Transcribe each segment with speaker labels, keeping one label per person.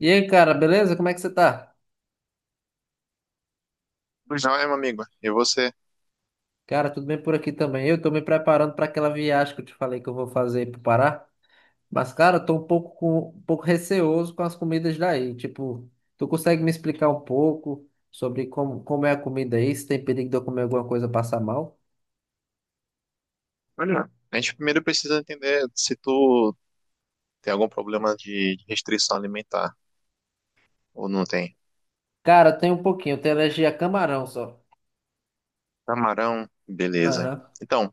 Speaker 1: E aí, cara, beleza? Como é que você tá?
Speaker 2: Pois não, é, meu amigo. E você?
Speaker 1: Cara, tudo bem por aqui também. Eu tô me preparando para aquela viagem que eu te falei que eu vou fazer aí pro Pará. Mas, cara, eu tô um pouco, um pouco receoso com as comidas daí. Tipo, tu consegue me explicar um pouco sobre como é a comida aí? Se tem perigo de eu comer alguma coisa e passar mal?
Speaker 2: Olha, a gente primeiro precisa entender se tu tem algum problema de restrição alimentar ou não tem.
Speaker 1: Cara, tem um pouquinho. Eu tenho alergia a camarão só.
Speaker 2: Camarão, beleza.
Speaker 1: Aham,
Speaker 2: Então,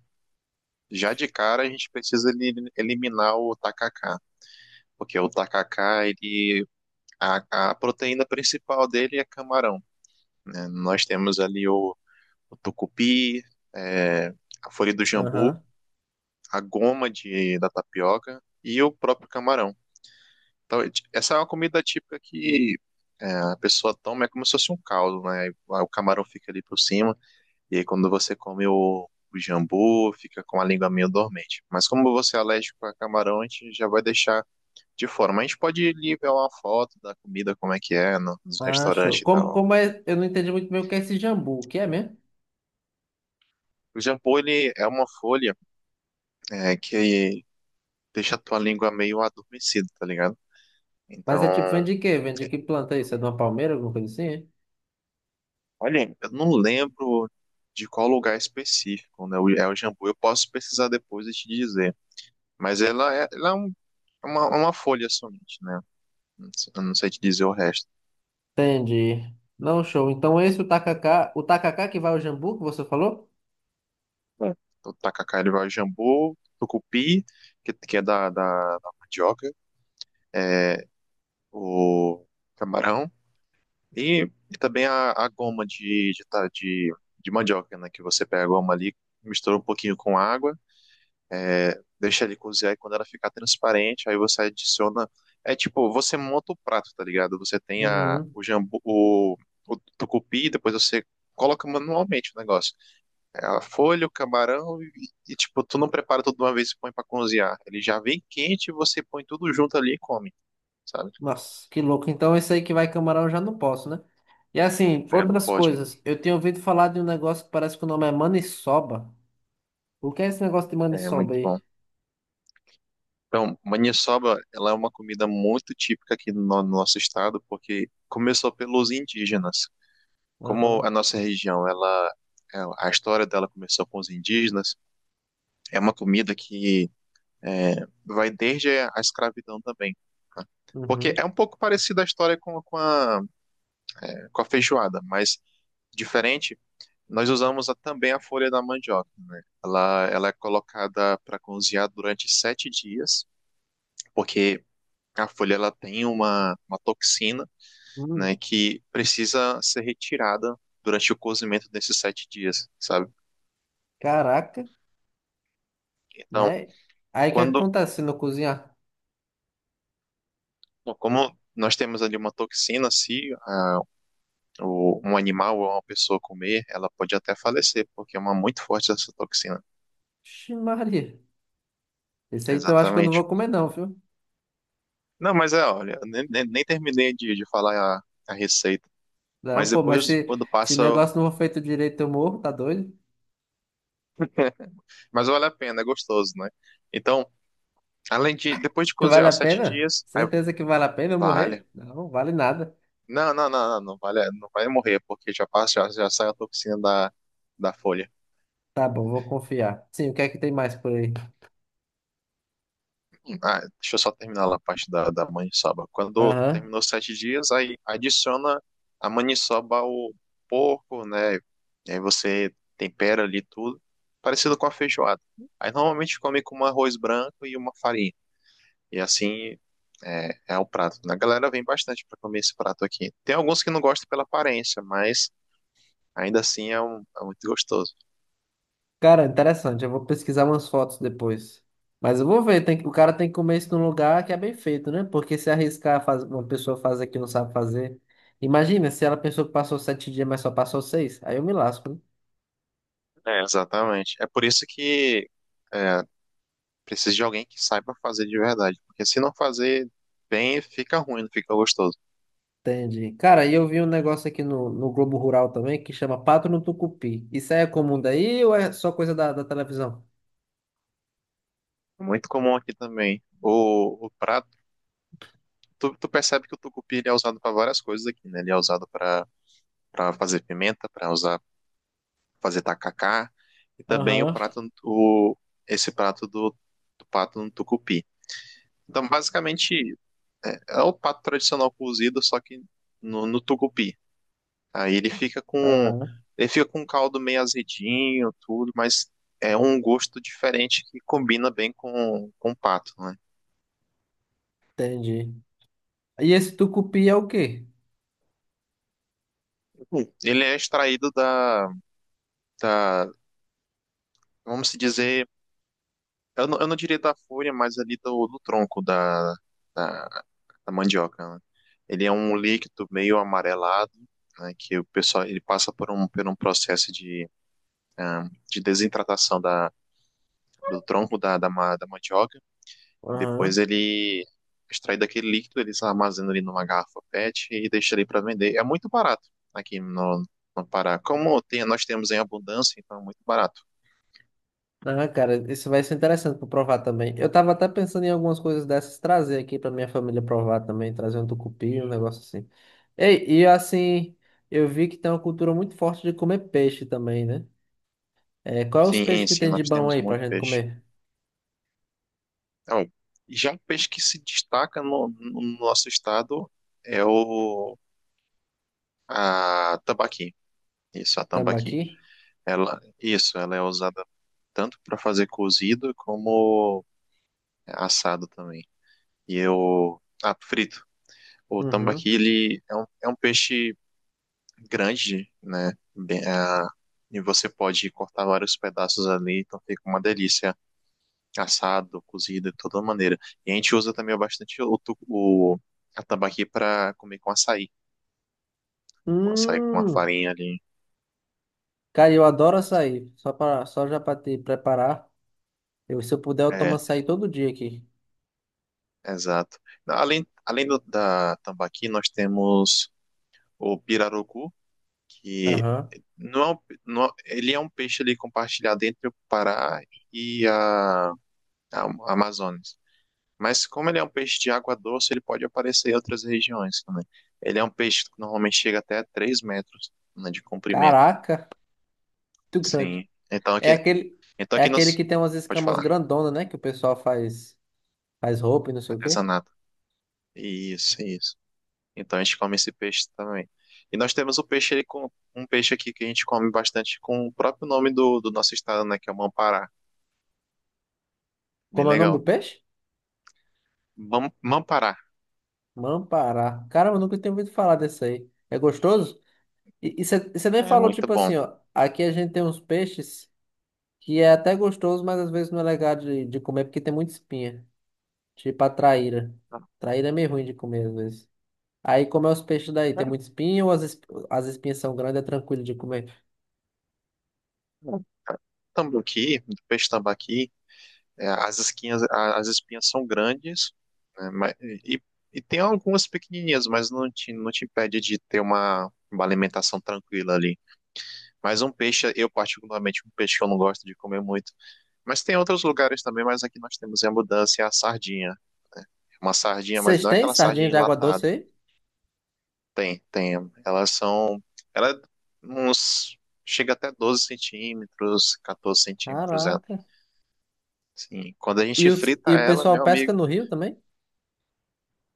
Speaker 2: já de cara a gente precisa eliminar o tacacá, porque o tacacá, ele, a proteína principal dele é camarão, né? Nós temos ali o tucupi, é, a folha do jambu,
Speaker 1: aham.
Speaker 2: a goma de, da tapioca e o próprio camarão. Então, essa é uma comida típica que é, a pessoa toma, é como se fosse um caldo, né? Aí o camarão fica ali por cima, e aí quando você come o jambu, fica com a língua meio dormente. Mas como você é alérgico a camarão, a gente já vai deixar de fora. Mas a gente pode lhe ver uma foto da comida, como é que é, no, nos
Speaker 1: Ah, show.
Speaker 2: restaurantes e
Speaker 1: Como,
Speaker 2: tal.
Speaker 1: como é? Eu não entendi muito bem o que é esse jambu. O que é mesmo?
Speaker 2: O jambu, ele é uma folha é, que deixa a tua língua meio adormecida, tá ligado? Então,
Speaker 1: Mas é tipo, vem de quê? Vem de que planta isso? É de uma palmeira, alguma coisa assim? É?
Speaker 2: olha, eu não lembro de qual lugar específico, né? É o jambu. Eu posso pesquisar depois e te dizer. Mas ela é uma folha somente, né? Eu não sei te dizer o resto.
Speaker 1: Entendi. Não, show. Então esse o tacacá que vai ao jambu, que você falou?
Speaker 2: É. Então, tacacá, ele vai o jambu, tucupi, que é da mandioca, é, o camarão e também a goma de mandioca, né? Que você pega a goma ali, mistura um pouquinho com água. É, deixa ele cozinhar e quando ela ficar transparente, aí você adiciona. É tipo, você monta o prato, tá ligado? Você tem a,
Speaker 1: Uhum.
Speaker 2: o jambu, o tucupi, depois você coloca manualmente o negócio. É a folha, o camarão e, tipo, tu não prepara tudo de uma vez e põe pra cozinhar. Ele já vem quente e você põe tudo junto ali e come, sabe?
Speaker 1: Nossa, que louco. Então esse aí que vai camarão eu já não posso, né? E assim,
Speaker 2: É, não
Speaker 1: outras
Speaker 2: pode.
Speaker 1: coisas. Eu tinha ouvido falar de um negócio que parece que o nome é maniçoba. O que é esse negócio de
Speaker 2: É
Speaker 1: maniçoba
Speaker 2: muito bom.
Speaker 1: aí?
Speaker 2: Então, maniçoba, ela é uma comida muito típica aqui no nosso estado, porque começou pelos indígenas. Como
Speaker 1: Aham.
Speaker 2: a nossa região, ela, a história dela começou com os indígenas, é uma comida que é, vai desde a escravidão também, tá? Porque
Speaker 1: Uhum.
Speaker 2: é um pouco parecida a história com a feijoada, mas diferente, nós usamos também a folha da mandioca, né? Ela é colocada para cozinhar durante 7 dias, porque a folha ela tem uma toxina, né,
Speaker 1: Hum.
Speaker 2: que precisa ser retirada durante o cozimento desses 7 dias, sabe?
Speaker 1: Caraca,
Speaker 2: Então,
Speaker 1: mas aí o que
Speaker 2: quando,
Speaker 1: acontece se não cozinhar?
Speaker 2: como nós temos ali uma toxina, se o, um animal ou uma pessoa comer, ela pode até falecer, porque é uma muito forte essa toxina.
Speaker 1: Ixi, Maria. Esse aí então eu acho que eu não
Speaker 2: Exatamente.
Speaker 1: vou comer não, viu?
Speaker 2: Não, mas é, olha, nem terminei de falar a receita,
Speaker 1: Não,
Speaker 2: mas
Speaker 1: pô, mas
Speaker 2: depois,
Speaker 1: se,
Speaker 2: quando
Speaker 1: se o
Speaker 2: passa,
Speaker 1: negócio não for feito direito eu morro, tá doido?
Speaker 2: mas vale a pena, é gostoso, né? Então, além de, depois de
Speaker 1: Vale
Speaker 2: cozinhar os
Speaker 1: a
Speaker 2: sete
Speaker 1: pena?
Speaker 2: dias, aí
Speaker 1: Certeza que vale a pena eu
Speaker 2: vale.
Speaker 1: morrer? Não, vale nada.
Speaker 2: Não, não, não, não, não vale, não vai morrer, porque já passa, já, já sai a toxina da, da folha.
Speaker 1: Tá bom, vou confiar. Sim, o que é que tem mais por aí?
Speaker 2: Ah, deixa eu só terminar lá a parte da, da maniçoba. Quando
Speaker 1: Aham.
Speaker 2: terminou 7 dias, aí adiciona a maniçoba ao porco, né? E aí você tempera ali tudo, parecido com a feijoada. Aí normalmente come com um arroz branco e uma farinha. E assim é, é o prato, né? A galera vem bastante para comer esse prato aqui. Tem alguns que não gostam pela aparência, mas ainda assim é, é muito gostoso.
Speaker 1: Cara, interessante. Eu vou pesquisar umas fotos depois. Mas eu vou ver, o cara tem que comer isso num lugar que é bem feito, né? Porque se arriscar faz, uma pessoa fazer que não sabe fazer. Imagina se ela pensou que passou 7 dias, mas só passou 6. Aí eu me lasco, né?
Speaker 2: É, exatamente. É por isso que é, precisa de alguém que saiba fazer de verdade. Porque se não fazer bem, fica ruim, não fica gostoso.
Speaker 1: Entendi. Cara, e eu vi um negócio aqui no Globo Rural também que chama Pato no Tucupi. Isso aí é comum daí ou é só coisa da televisão?
Speaker 2: É muito comum aqui também. O prato, tu percebe que o tucupi ele é usado para várias coisas aqui, né? Ele é usado para para fazer pimenta, para usar fazer tacacá e também o
Speaker 1: Aham.
Speaker 2: prato o esse prato do, do pato no tucupi. Então, basicamente, é o pato tradicional cozido, só que no tucupi. Aí
Speaker 1: Aham.
Speaker 2: ele fica com um caldo meio azedinho, tudo, mas é um gosto diferente que combina bem com o pato, né?
Speaker 1: Entendi. E esse tucupi é o quê?
Speaker 2: Hum. Ele é extraído da, da vamos se dizer, eu não diria da folha, mas ali do tronco da, da mandioca, né? Ele é um líquido meio amarelado, né, que o pessoal ele passa por por um processo de, ah, de desidratação da, do tronco da mandioca. E depois
Speaker 1: Aham.
Speaker 2: ele extrai daquele líquido, ele se armazena ali numa garrafa PET e deixa ali para vender. É muito barato aqui no Pará. Como tem, nós temos em abundância, então é muito barato.
Speaker 1: Ah, cara, isso vai ser interessante para provar também. Eu tava até pensando em algumas coisas dessas trazer aqui para minha família provar também, trazer um tucupi, um negócio assim. Ei, e assim, eu vi que tem uma cultura muito forte de comer peixe também, né? É, qual é os
Speaker 2: Sim,
Speaker 1: peixes
Speaker 2: em
Speaker 1: que
Speaker 2: si,
Speaker 1: tem de
Speaker 2: nós
Speaker 1: bom
Speaker 2: temos
Speaker 1: aí pra
Speaker 2: muito
Speaker 1: gente
Speaker 2: peixe.
Speaker 1: comer?
Speaker 2: Então, já o peixe que se destaca no nosso estado é o a tambaqui. Isso, a tambaqui.
Speaker 1: Tambaqui?
Speaker 2: Ela, isso, ela é usada tanto para fazer cozido como assado também. E eu, ah, frito. O
Speaker 1: Uhum.
Speaker 2: tambaqui, ele é é um peixe grande, né? Bem, ah, e você pode cortar vários pedaços ali, então fica uma delícia. Assado, cozido, de toda maneira. E a gente usa também bastante o a tambaqui para comer com açaí. Com açaí com uma
Speaker 1: Hum,
Speaker 2: farinha ali.
Speaker 1: cara, eu adoro açaí. Só para, só já para te preparar. Eu, se eu puder, eu tomo
Speaker 2: É,
Speaker 1: açaí todo dia aqui.
Speaker 2: exato. Além da tambaqui, nós temos o pirarucu, que
Speaker 1: Aham.
Speaker 2: não é um, não, é, ele é um peixe ali compartilhado entre o Pará e a Amazônia. Mas como ele é um peixe de água doce, ele pode aparecer em outras regiões também. Ele é um peixe que normalmente chega até 3 metros, né, de comprimento.
Speaker 1: Caraca, muito grande.
Speaker 2: Sim.
Speaker 1: É aquele,
Speaker 2: Então
Speaker 1: é
Speaker 2: aqui
Speaker 1: aquele
Speaker 2: nós...
Speaker 1: que tem umas
Speaker 2: Pode
Speaker 1: escamas
Speaker 2: falar.
Speaker 1: grandonas, né? Que o pessoal faz, faz roupa e não sei o quê.
Speaker 2: Artesanato. Isso, isso. Então a gente come esse peixe também. E nós temos o peixe, ele, um peixe aqui que a gente come bastante com o próprio nome do, do nosso estado, né? Que é o Mampará. Bem
Speaker 1: Como é o nome
Speaker 2: legal.
Speaker 1: do peixe?
Speaker 2: Mampará.
Speaker 1: Mampará. Caramba, eu nunca tinha ouvido falar desse aí. É gostoso? E você nem
Speaker 2: É
Speaker 1: falou,
Speaker 2: muito
Speaker 1: tipo
Speaker 2: bom.
Speaker 1: assim, ó. Aqui a gente tem uns peixes que é até gostoso, mas às vezes não é legal de comer porque tem muita espinha. Tipo a traíra. Traíra é meio ruim de comer às vezes. Aí como é os peixes daí? Tem muita espinha ou as espinhas são grandes, é tranquilo de comer?
Speaker 2: Tambaqui, do peixe tambaqui, é, as espinhas são grandes, né, mas- e tem algumas pequenininhas, mas não te impede de ter uma alimentação tranquila ali. Mas um peixe, eu particularmente, um peixe que eu não gosto de comer muito. Mas tem outros lugares também, mas aqui nós temos em abundância a sardinha. Uma sardinha, mas
Speaker 1: Vocês
Speaker 2: não é
Speaker 1: têm
Speaker 2: aquela sardinha
Speaker 1: sardinha de água
Speaker 2: enlatada.
Speaker 1: doce aí?
Speaker 2: Tem, tem. Elas são. Ela é uns. Chega até 12 centímetros, 14 centímetros, é.
Speaker 1: Caraca.
Speaker 2: Sim. Quando a
Speaker 1: E,
Speaker 2: gente
Speaker 1: os,
Speaker 2: frita
Speaker 1: e o
Speaker 2: ela,
Speaker 1: pessoal
Speaker 2: meu
Speaker 1: pesca
Speaker 2: amigo.
Speaker 1: no rio também?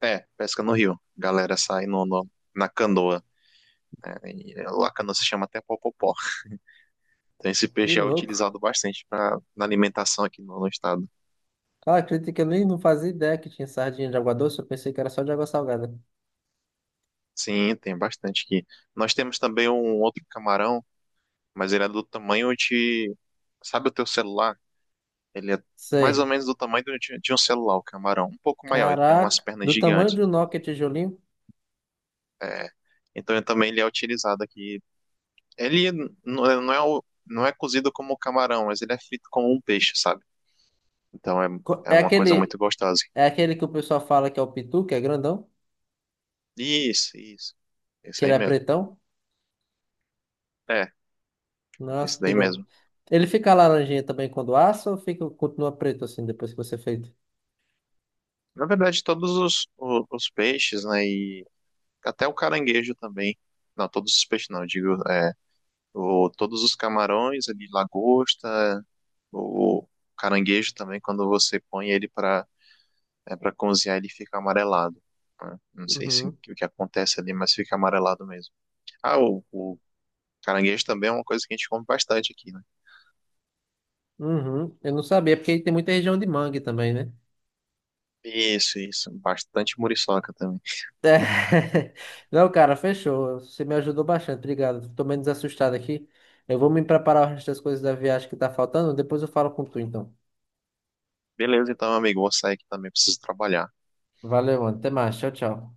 Speaker 2: É, pesca no rio. Galera sai na canoa, né? E é, lá a canoa se chama até popopó. Então esse
Speaker 1: Que
Speaker 2: peixe é
Speaker 1: louco.
Speaker 2: utilizado bastante pra, na alimentação aqui no estado.
Speaker 1: Cara, acredita que eu nem não fazia ideia que tinha sardinha de água doce, eu pensei que era só de água salgada.
Speaker 2: Sim, tem bastante aqui. Nós temos também um outro camarão, mas ele é do tamanho de... Sabe o teu celular? Ele é mais ou
Speaker 1: Sei.
Speaker 2: menos do tamanho de um celular, o camarão. Um pouco maior, ele tem umas
Speaker 1: Caraca,
Speaker 2: pernas
Speaker 1: do tamanho
Speaker 2: gigantes.
Speaker 1: de um Nokia tijolinho.
Speaker 2: É. Então ele também ele é utilizado aqui. Ele não é não é cozido como camarão, mas ele é frito como um peixe, sabe? Então é,
Speaker 1: Co-
Speaker 2: é
Speaker 1: É
Speaker 2: uma coisa muito
Speaker 1: aquele,
Speaker 2: gostosa.
Speaker 1: é aquele que o pessoal fala que é o pitu, que é grandão,
Speaker 2: Isso, isso.
Speaker 1: que
Speaker 2: Isso aí
Speaker 1: ele é
Speaker 2: mesmo.
Speaker 1: pretão.
Speaker 2: É, isso
Speaker 1: Nossa, que
Speaker 2: daí
Speaker 1: louco.
Speaker 2: mesmo.
Speaker 1: Ele fica laranjinha também quando assa ou fica, continua preto assim depois que você feito?
Speaker 2: Na verdade, todos os, os peixes, né? E até o caranguejo também. Não, todos os peixes não, eu digo, é, o, todos os camarões ali, lagosta, o caranguejo também, quando você põe ele para é, para cozinhar, ele fica amarelado, né? Não sei se, o que acontece ali, mas fica amarelado mesmo. Ah, o caranguejo também é uma coisa que a gente come bastante aqui.
Speaker 1: Uhum. Eu não sabia, porque tem muita região de mangue também, né?
Speaker 2: Isso, isso. Bastante muriçoca também.
Speaker 1: É. Não, cara, fechou. Você me ajudou bastante, obrigado. Tô menos assustado aqui. Eu vou me preparar o resto das coisas da viagem que tá faltando. Depois eu falo com tu, então.
Speaker 2: Beleza, então, amigo, vou sair aqui também, preciso trabalhar.
Speaker 1: Valeu, mano. Até mais. Tchau, tchau.